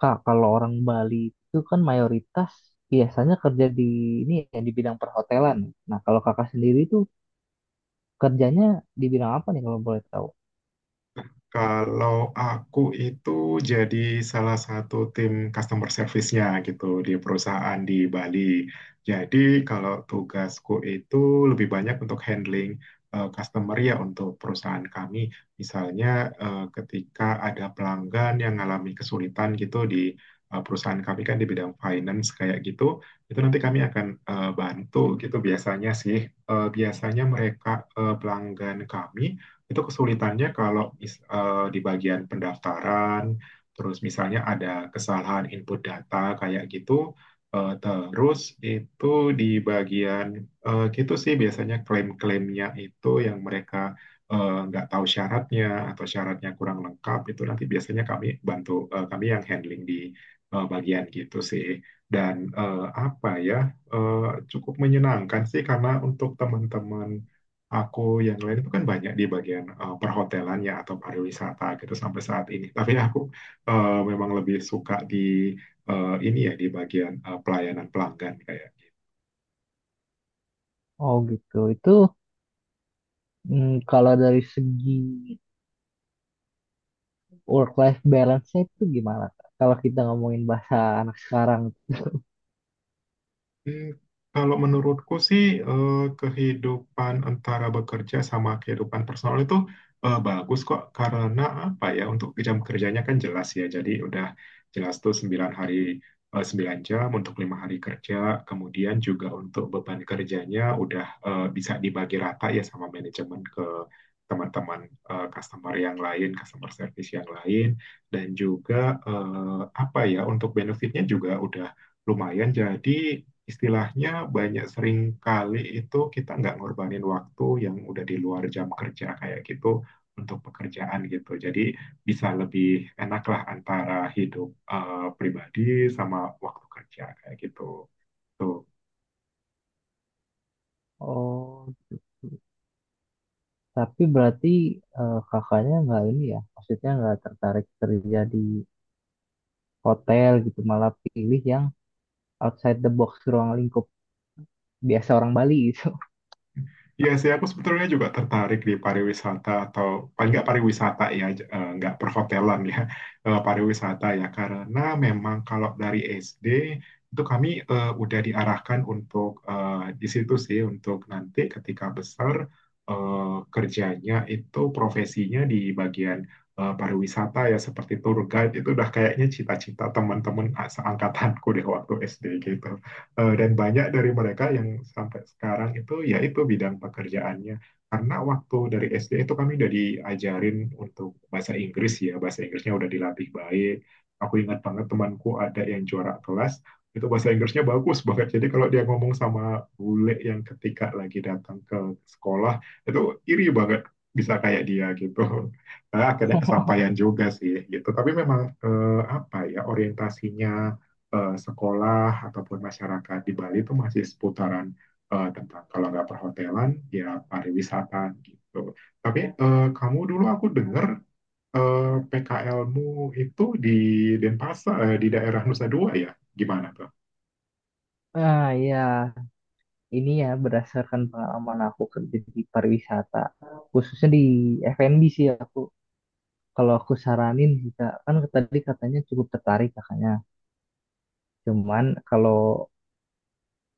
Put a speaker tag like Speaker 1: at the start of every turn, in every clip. Speaker 1: Kak, kalau orang Bali itu kan mayoritas biasanya kerja di ini ya di bidang perhotelan. Nah, kalau kakak sendiri itu kerjanya di bidang apa nih kalau boleh tahu?
Speaker 2: Kalau aku itu jadi salah satu tim customer service-nya gitu di perusahaan di Bali. Jadi kalau tugasku itu lebih banyak untuk handling customer ya untuk perusahaan kami. Misalnya ketika ada pelanggan yang mengalami kesulitan gitu di perusahaan kami kan di bidang finance kayak gitu, itu nanti kami akan bantu gitu biasanya sih. Biasanya mereka pelanggan kami itu kesulitannya kalau di bagian pendaftaran, terus misalnya ada kesalahan input data kayak gitu, terus itu di bagian gitu sih biasanya klaim-klaimnya itu yang mereka nggak tahu syaratnya atau syaratnya kurang lengkap itu nanti biasanya kami bantu, kami yang handling di bagian gitu sih. Dan apa ya, eh, cukup menyenangkan sih karena untuk teman-teman aku yang lain itu kan banyak di bagian perhotelan ya atau pariwisata gitu sampai saat ini. Tapi aku memang lebih suka di ini ya di bagian pelayanan pelanggan kayak.
Speaker 1: Oh gitu. Itu kalau dari segi work life balance-nya itu gimana, Kak? Kalau kita ngomongin bahasa anak sekarang.
Speaker 2: Hmm, Kalau menurutku sih eh, kehidupan antara bekerja sama kehidupan personal itu bagus kok, karena apa ya, untuk jam kerjanya kan jelas ya, jadi udah jelas tuh 9 jam untuk 5 hari kerja, kemudian juga untuk beban kerjanya udah bisa dibagi rata ya sama manajemen ke teman-teman, customer service yang lain, dan juga apa ya, untuk benefitnya juga udah lumayan, jadi istilahnya sering kali itu kita nggak ngorbanin waktu yang udah di luar jam kerja kayak gitu untuk pekerjaan gitu. Jadi bisa lebih enak lah antara hidup pribadi sama waktu kerja kayak gitu. Tuh.
Speaker 1: Oh, tapi berarti kakaknya nggak ini ya, maksudnya nggak tertarik kerja di hotel gitu, malah pilih yang outside the box ruang lingkup biasa orang Bali gitu.
Speaker 2: Iya sih, aku sebetulnya juga tertarik di pariwisata, atau paling nggak pariwisata ya, nggak perhotelan ya, pariwisata ya. Karena memang kalau dari SD itu kami udah diarahkan untuk di situ sih, untuk nanti ketika besar eh, kerjanya itu profesinya di bagian pariwisata ya, seperti tour guide itu udah kayaknya cita-cita teman-teman seangkatanku deh waktu SD gitu. Dan banyak dari mereka yang sampai sekarang itu ya itu bidang pekerjaannya. Karena waktu dari SD itu kami udah diajarin untuk bahasa Inggris ya, bahasa Inggrisnya udah dilatih baik. Aku ingat banget temanku ada yang juara kelas, itu bahasa Inggrisnya bagus banget. Jadi kalau dia ngomong sama bule yang ketika lagi datang ke sekolah, itu iri banget bisa kayak dia gitu. Nah, akhirnya kesampaian juga sih gitu. Tapi memang apa ya, orientasinya sekolah ataupun masyarakat di Bali itu masih seputaran tentang kalau nggak perhotelan ya pariwisata gitu. Tapi kamu dulu aku dengar eh, PKLmu itu di Denpasar, di daerah Nusa Dua ya? Gimana tuh?
Speaker 1: Ah ya, ini ya berdasarkan pengalaman aku kerja di pariwisata, khususnya di F&B sih aku. Kalau aku saranin sih Kak, kan tadi katanya cukup tertarik kakaknya. Cuman kalau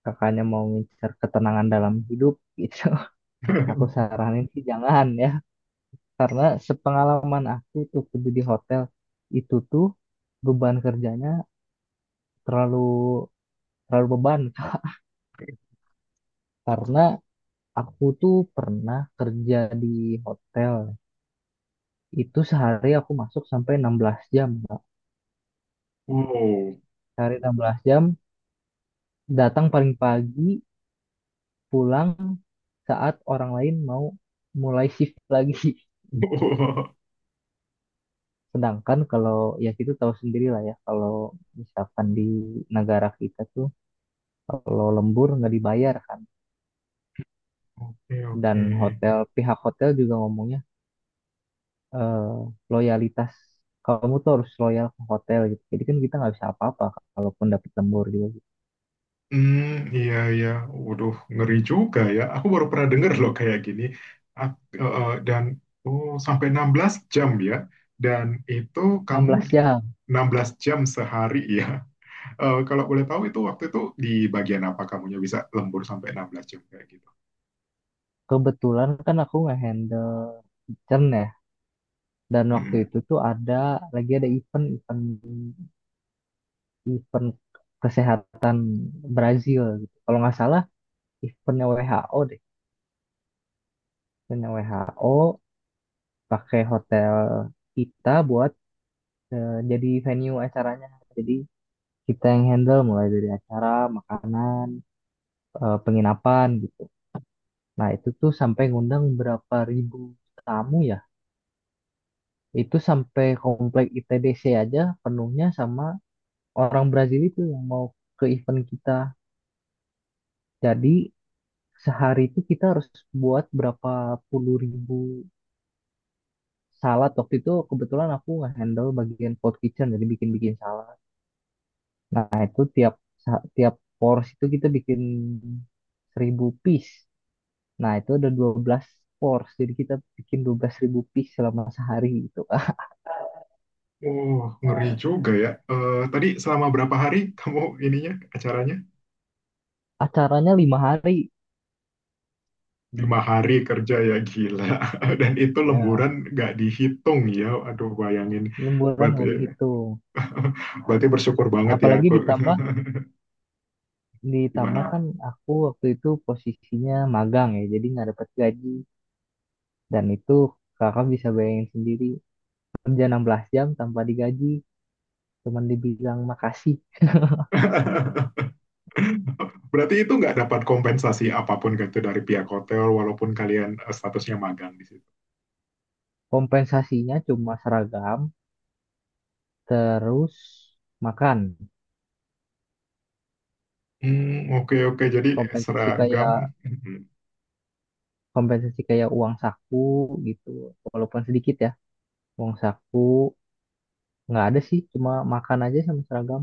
Speaker 1: kakaknya mau ngincar ketenangan dalam hidup gitu, aku saranin sih jangan ya. Karena sepengalaman aku tuh kerja di hotel itu tuh beban kerjanya terlalu terlalu beban, karena aku tuh pernah kerja di hotel. Itu sehari aku masuk sampai 16 jam, Kak.
Speaker 2: Wow.
Speaker 1: Sehari 16 jam, datang paling pagi, pulang saat orang lain mau mulai shift lagi. Sedangkan kalau ya gitu tahu sendiri lah ya, kalau misalkan di negara kita tuh kalau lembur nggak dibayar kan.
Speaker 2: Oke,
Speaker 1: Dan
Speaker 2: oke.
Speaker 1: hotel, pihak hotel juga ngomongnya eh, loyalitas kamu tuh harus loyal ke hotel gitu. Jadi kan kita nggak bisa apa-apa kalaupun dapet lembur juga gitu.
Speaker 2: Hmm, iya iya, waduh ngeri juga ya. Aku baru pernah dengar loh kayak gini. Dan oh, sampai 16 jam ya. Dan itu
Speaker 1: enam
Speaker 2: kamu
Speaker 1: belas jam.
Speaker 2: 16 jam sehari ya. Kalau boleh tahu itu waktu itu di bagian apa kamunya bisa lembur sampai 16 jam kayak gitu.
Speaker 1: Kebetulan kan aku nggak handle CERN ya. Dan waktu
Speaker 2: Mm-mm.
Speaker 1: itu tuh ada lagi ada event event event kesehatan Brazil gitu. Kalau nggak salah eventnya WHO deh. Eventnya WHO pakai hotel kita buat jadi venue acaranya. Jadi kita yang handle mulai dari acara, makanan, penginapan gitu. Nah itu tuh sampai ngundang berapa ribu tamu ya. Itu sampai komplek ITDC aja penuhnya sama orang Brazil itu yang mau ke event kita. Jadi sehari itu kita harus buat berapa puluh ribu salad. Waktu itu kebetulan aku handle bagian food kitchen, jadi bikin-bikin salad. Nah itu tiap tiap porsi itu kita bikin 1.000 piece. Nah itu ada 12 porsi, jadi kita bikin 12.000 piece selama sehari gitu.
Speaker 2: Oh, ngeri, nah, juga ya. Tadi selama berapa hari kamu ininya acaranya?
Speaker 1: Acaranya lima hari,
Speaker 2: 5 hari kerja ya, gila. Dan itu
Speaker 1: ya
Speaker 2: lemburan nggak dihitung ya. Aduh, bayangin.
Speaker 1: lemburan
Speaker 2: Berarti
Speaker 1: nggak dihitung.
Speaker 2: berarti bersyukur banget ya
Speaker 1: Apalagi
Speaker 2: aku.
Speaker 1: ditambah ditambah
Speaker 2: Gimana?
Speaker 1: kan aku waktu itu posisinya magang ya, jadi nggak dapat gaji. Dan itu kakak bisa bayangin sendiri, kerja 16 jam tanpa digaji, cuman dibilang makasih.
Speaker 2: Berarti itu nggak dapat kompensasi apapun gitu dari pihak hotel walaupun kalian statusnya magang di situ.
Speaker 1: Kompensasinya cuma seragam, terus makan.
Speaker 2: Hmm, oke, oke. Jadi
Speaker 1: Kompensasi
Speaker 2: seragam.
Speaker 1: kayak
Speaker 2: Hmm,
Speaker 1: kompensasi kayak uang saku gitu, walaupun sedikit ya. Uang saku nggak ada sih, cuma makan aja sama seragam.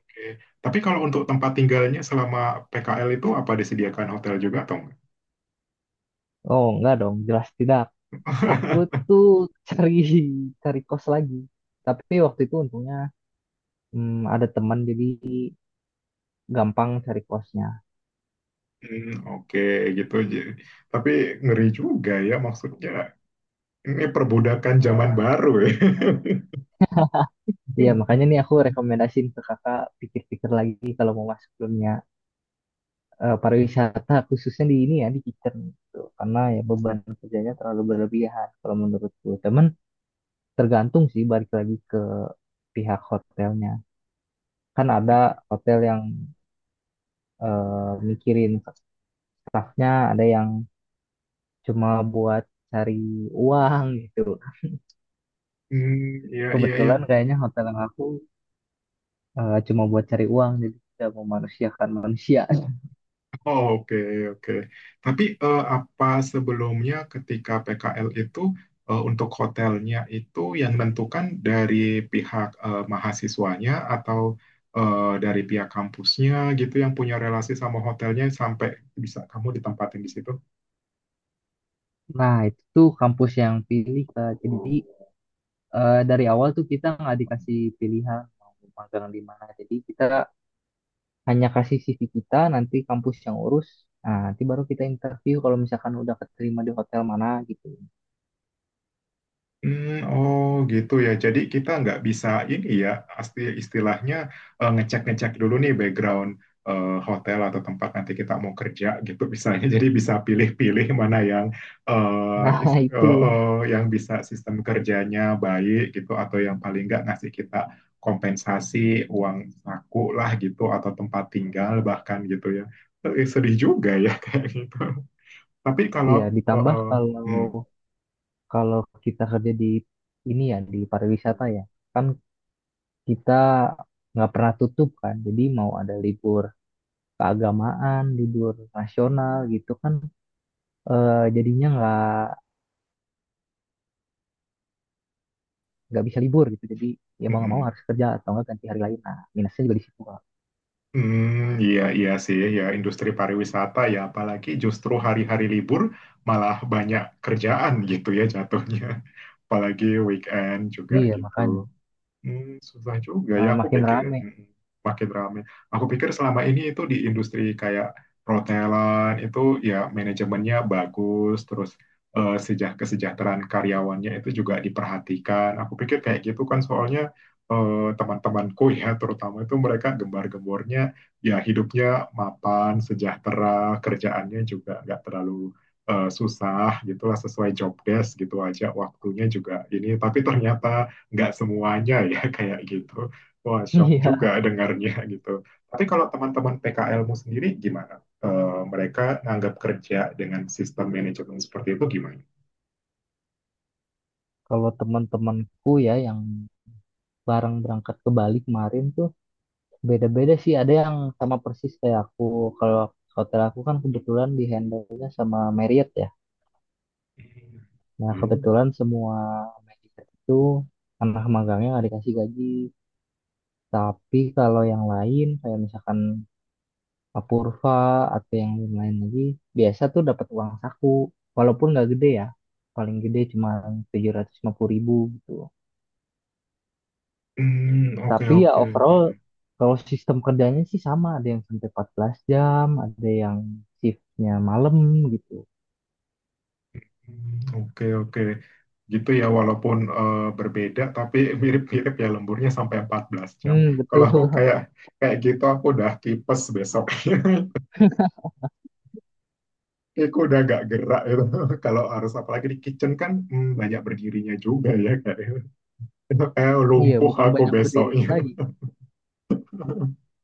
Speaker 2: oke. Tapi kalau untuk tempat tinggalnya selama PKL itu apa disediakan hotel juga atau nggak?
Speaker 1: Oh, enggak dong, jelas tidak. Aku tuh cari cari kos lagi. Tapi waktu itu untungnya ada teman jadi gampang cari kosnya.
Speaker 2: Hmm, oke gitu. Tapi ngeri juga ya maksudnya. Ini perbudakan zaman baru ya.
Speaker 1: Iya, makanya nih aku rekomendasiin ke kakak pikir-pikir lagi kalau mau masuk dunia pariwisata, khususnya di ini ya, di kitchen gitu. Karena ya beban kerjanya terlalu berlebihan kalau menurutku. Temen tergantung sih balik lagi ke pihak hotelnya. Kan ada hotel yang mikirin ke staffnya, ada yang cuma buat cari uang gitu.
Speaker 2: Hmm, iya, iya, iya.
Speaker 1: Kebetulan kayaknya hotel yang aku cuma buat cari uang, jadi tidak memanusiakan manusia.
Speaker 2: Oh, oke, oke. Tapi apa sebelumnya ketika PKL itu untuk hotelnya itu yang menentukan dari pihak mahasiswanya atau dari pihak kampusnya gitu yang punya relasi sama hotelnya sampai bisa kamu ditempatin di situ?
Speaker 1: Nah, itu tuh kampus yang pilih, Kak. Jadi dari awal tuh kita nggak dikasih pilihan mau magang di mana. Jadi kita hanya kasih CV kita, nanti kampus yang urus. Nah, nanti baru kita interview kalau misalkan udah keterima di hotel mana gitu.
Speaker 2: Hmm, oh gitu ya. Jadi kita nggak bisa ini ya, pasti istilahnya ngecek-ngecek dulu nih background hotel atau tempat nanti kita mau kerja gitu misalnya. Jadi bisa pilih-pilih mana yang eh,
Speaker 1: Nah,
Speaker 2: is- eh,
Speaker 1: itu.
Speaker 2: eh, yang bisa sistem kerjanya baik gitu, atau yang paling nggak ngasih kita kompensasi uang saku lah gitu, atau tempat tinggal bahkan gitu ya. Sedih juga ya kayak gitu. Tapi
Speaker 1: Iya,
Speaker 2: kalau eh,
Speaker 1: ditambah
Speaker 2: eh,
Speaker 1: kalau
Speaker 2: hmm,
Speaker 1: kalau kita kerja di ini ya di pariwisata ya. Kan kita nggak pernah tutup kan. Jadi mau ada libur keagamaan, libur nasional gitu kan jadinya nggak bisa libur gitu, jadi ya mau nggak mau
Speaker 2: Mm-mm.
Speaker 1: harus kerja atau nggak ganti hari lain, nah minusnya juga di situ Kak.
Speaker 2: Hmm, iya iya sih ya, industri pariwisata ya, apalagi justru hari-hari libur malah banyak kerjaan gitu ya jatuhnya, apalagi weekend juga
Speaker 1: Iya,
Speaker 2: gitu.
Speaker 1: makanya.
Speaker 2: Hmm, susah juga ya.
Speaker 1: Malah
Speaker 2: Aku
Speaker 1: makin
Speaker 2: pikir,
Speaker 1: rame.
Speaker 2: makin ramai. Aku pikir selama ini itu di industri kayak perhotelan itu ya manajemennya bagus, terus eh, sejah kesejahteraan karyawannya itu juga diperhatikan. Aku pikir kayak gitu kan, soalnya teman-temanku ya terutama itu mereka gembar-gembornya ya hidupnya mapan, sejahtera, kerjaannya juga nggak terlalu susah gitulah, sesuai job desk gitu aja, waktunya juga ini, tapi ternyata nggak semuanya ya kayak gitu. Wah, shock
Speaker 1: Iya.
Speaker 2: juga dengarnya gitu. Tapi kalau teman-teman PKLmu sendiri gimana? Eh, Mereka nganggap kerja dengan sistem manajemen seperti itu gimana?
Speaker 1: Kalau teman-temanku ya yang bareng berangkat ke Bali kemarin tuh beda-beda sih. Ada yang sama persis kayak aku. Kalau hotel aku kan kebetulan dihandle-nya sama Marriott ya. Nah,
Speaker 2: Hmm, oke.
Speaker 1: kebetulan semua Marriott itu anak magangnya nggak dikasih gaji. Tapi kalau yang lain kayak misalkan Apurva atau yang lain lagi biasa tuh dapat uang saku, walaupun nggak gede ya, paling gede cuma 750.000 gitu.
Speaker 2: Hmm, oke,
Speaker 1: Tapi ya
Speaker 2: oke.
Speaker 1: overall
Speaker 2: Hmm,
Speaker 1: kalau sistem kerjanya sih sama, ada yang sampai 14 jam, ada yang shiftnya malam gitu.
Speaker 2: oke, oke. Gitu ya, walaupun berbeda tapi mirip-mirip ya lemburnya sampai 14 jam.
Speaker 1: Hmm,
Speaker 2: Kalau
Speaker 1: betul.
Speaker 2: aku kayak kayak gitu aku udah tipes besok. Kayak udah agak gerak itu. Kalau harus apalagi di kitchen kan, banyak berdirinya juga ya kayak gitu.
Speaker 1: Iya,
Speaker 2: Lumpuh
Speaker 1: bukan
Speaker 2: aku
Speaker 1: banyak berdiri
Speaker 2: besoknya.
Speaker 1: lagi,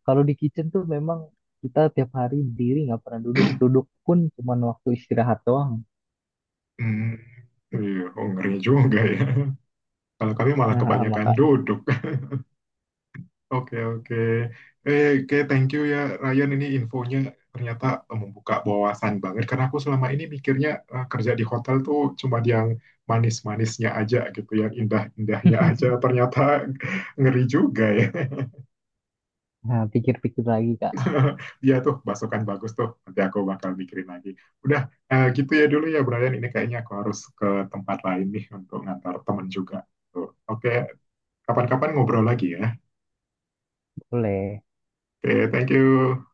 Speaker 1: kalau di kitchen tuh memang kita tiap hari berdiri, nggak pernah duduk, duduk pun cuma waktu istirahat doang.
Speaker 2: Hmm, iya, oh, ngeri juga ya. Kalau kami malah
Speaker 1: Nah
Speaker 2: kebanyakan
Speaker 1: makanya.
Speaker 2: duduk. Oke, oke. Oke, thank you ya Ryan, ini infonya ternyata membuka wawasan banget, karena aku selama ini mikirnya kerja di hotel tuh cuma yang manis-manisnya aja gitu, yang indah-indahnya aja. Ternyata ngeri juga ya.
Speaker 1: Nah, pikir-pikir lagi kak.
Speaker 2: Iya tuh masukan bagus tuh. Nanti aku bakal mikirin lagi. Udah gitu ya dulu ya Brian. Ini kayaknya aku harus ke tempat lain nih untuk ngantar temen juga. Tuh. Oke, kapan-kapan ngobrol lagi ya.
Speaker 1: Boleh.
Speaker 2: Oke, thank you.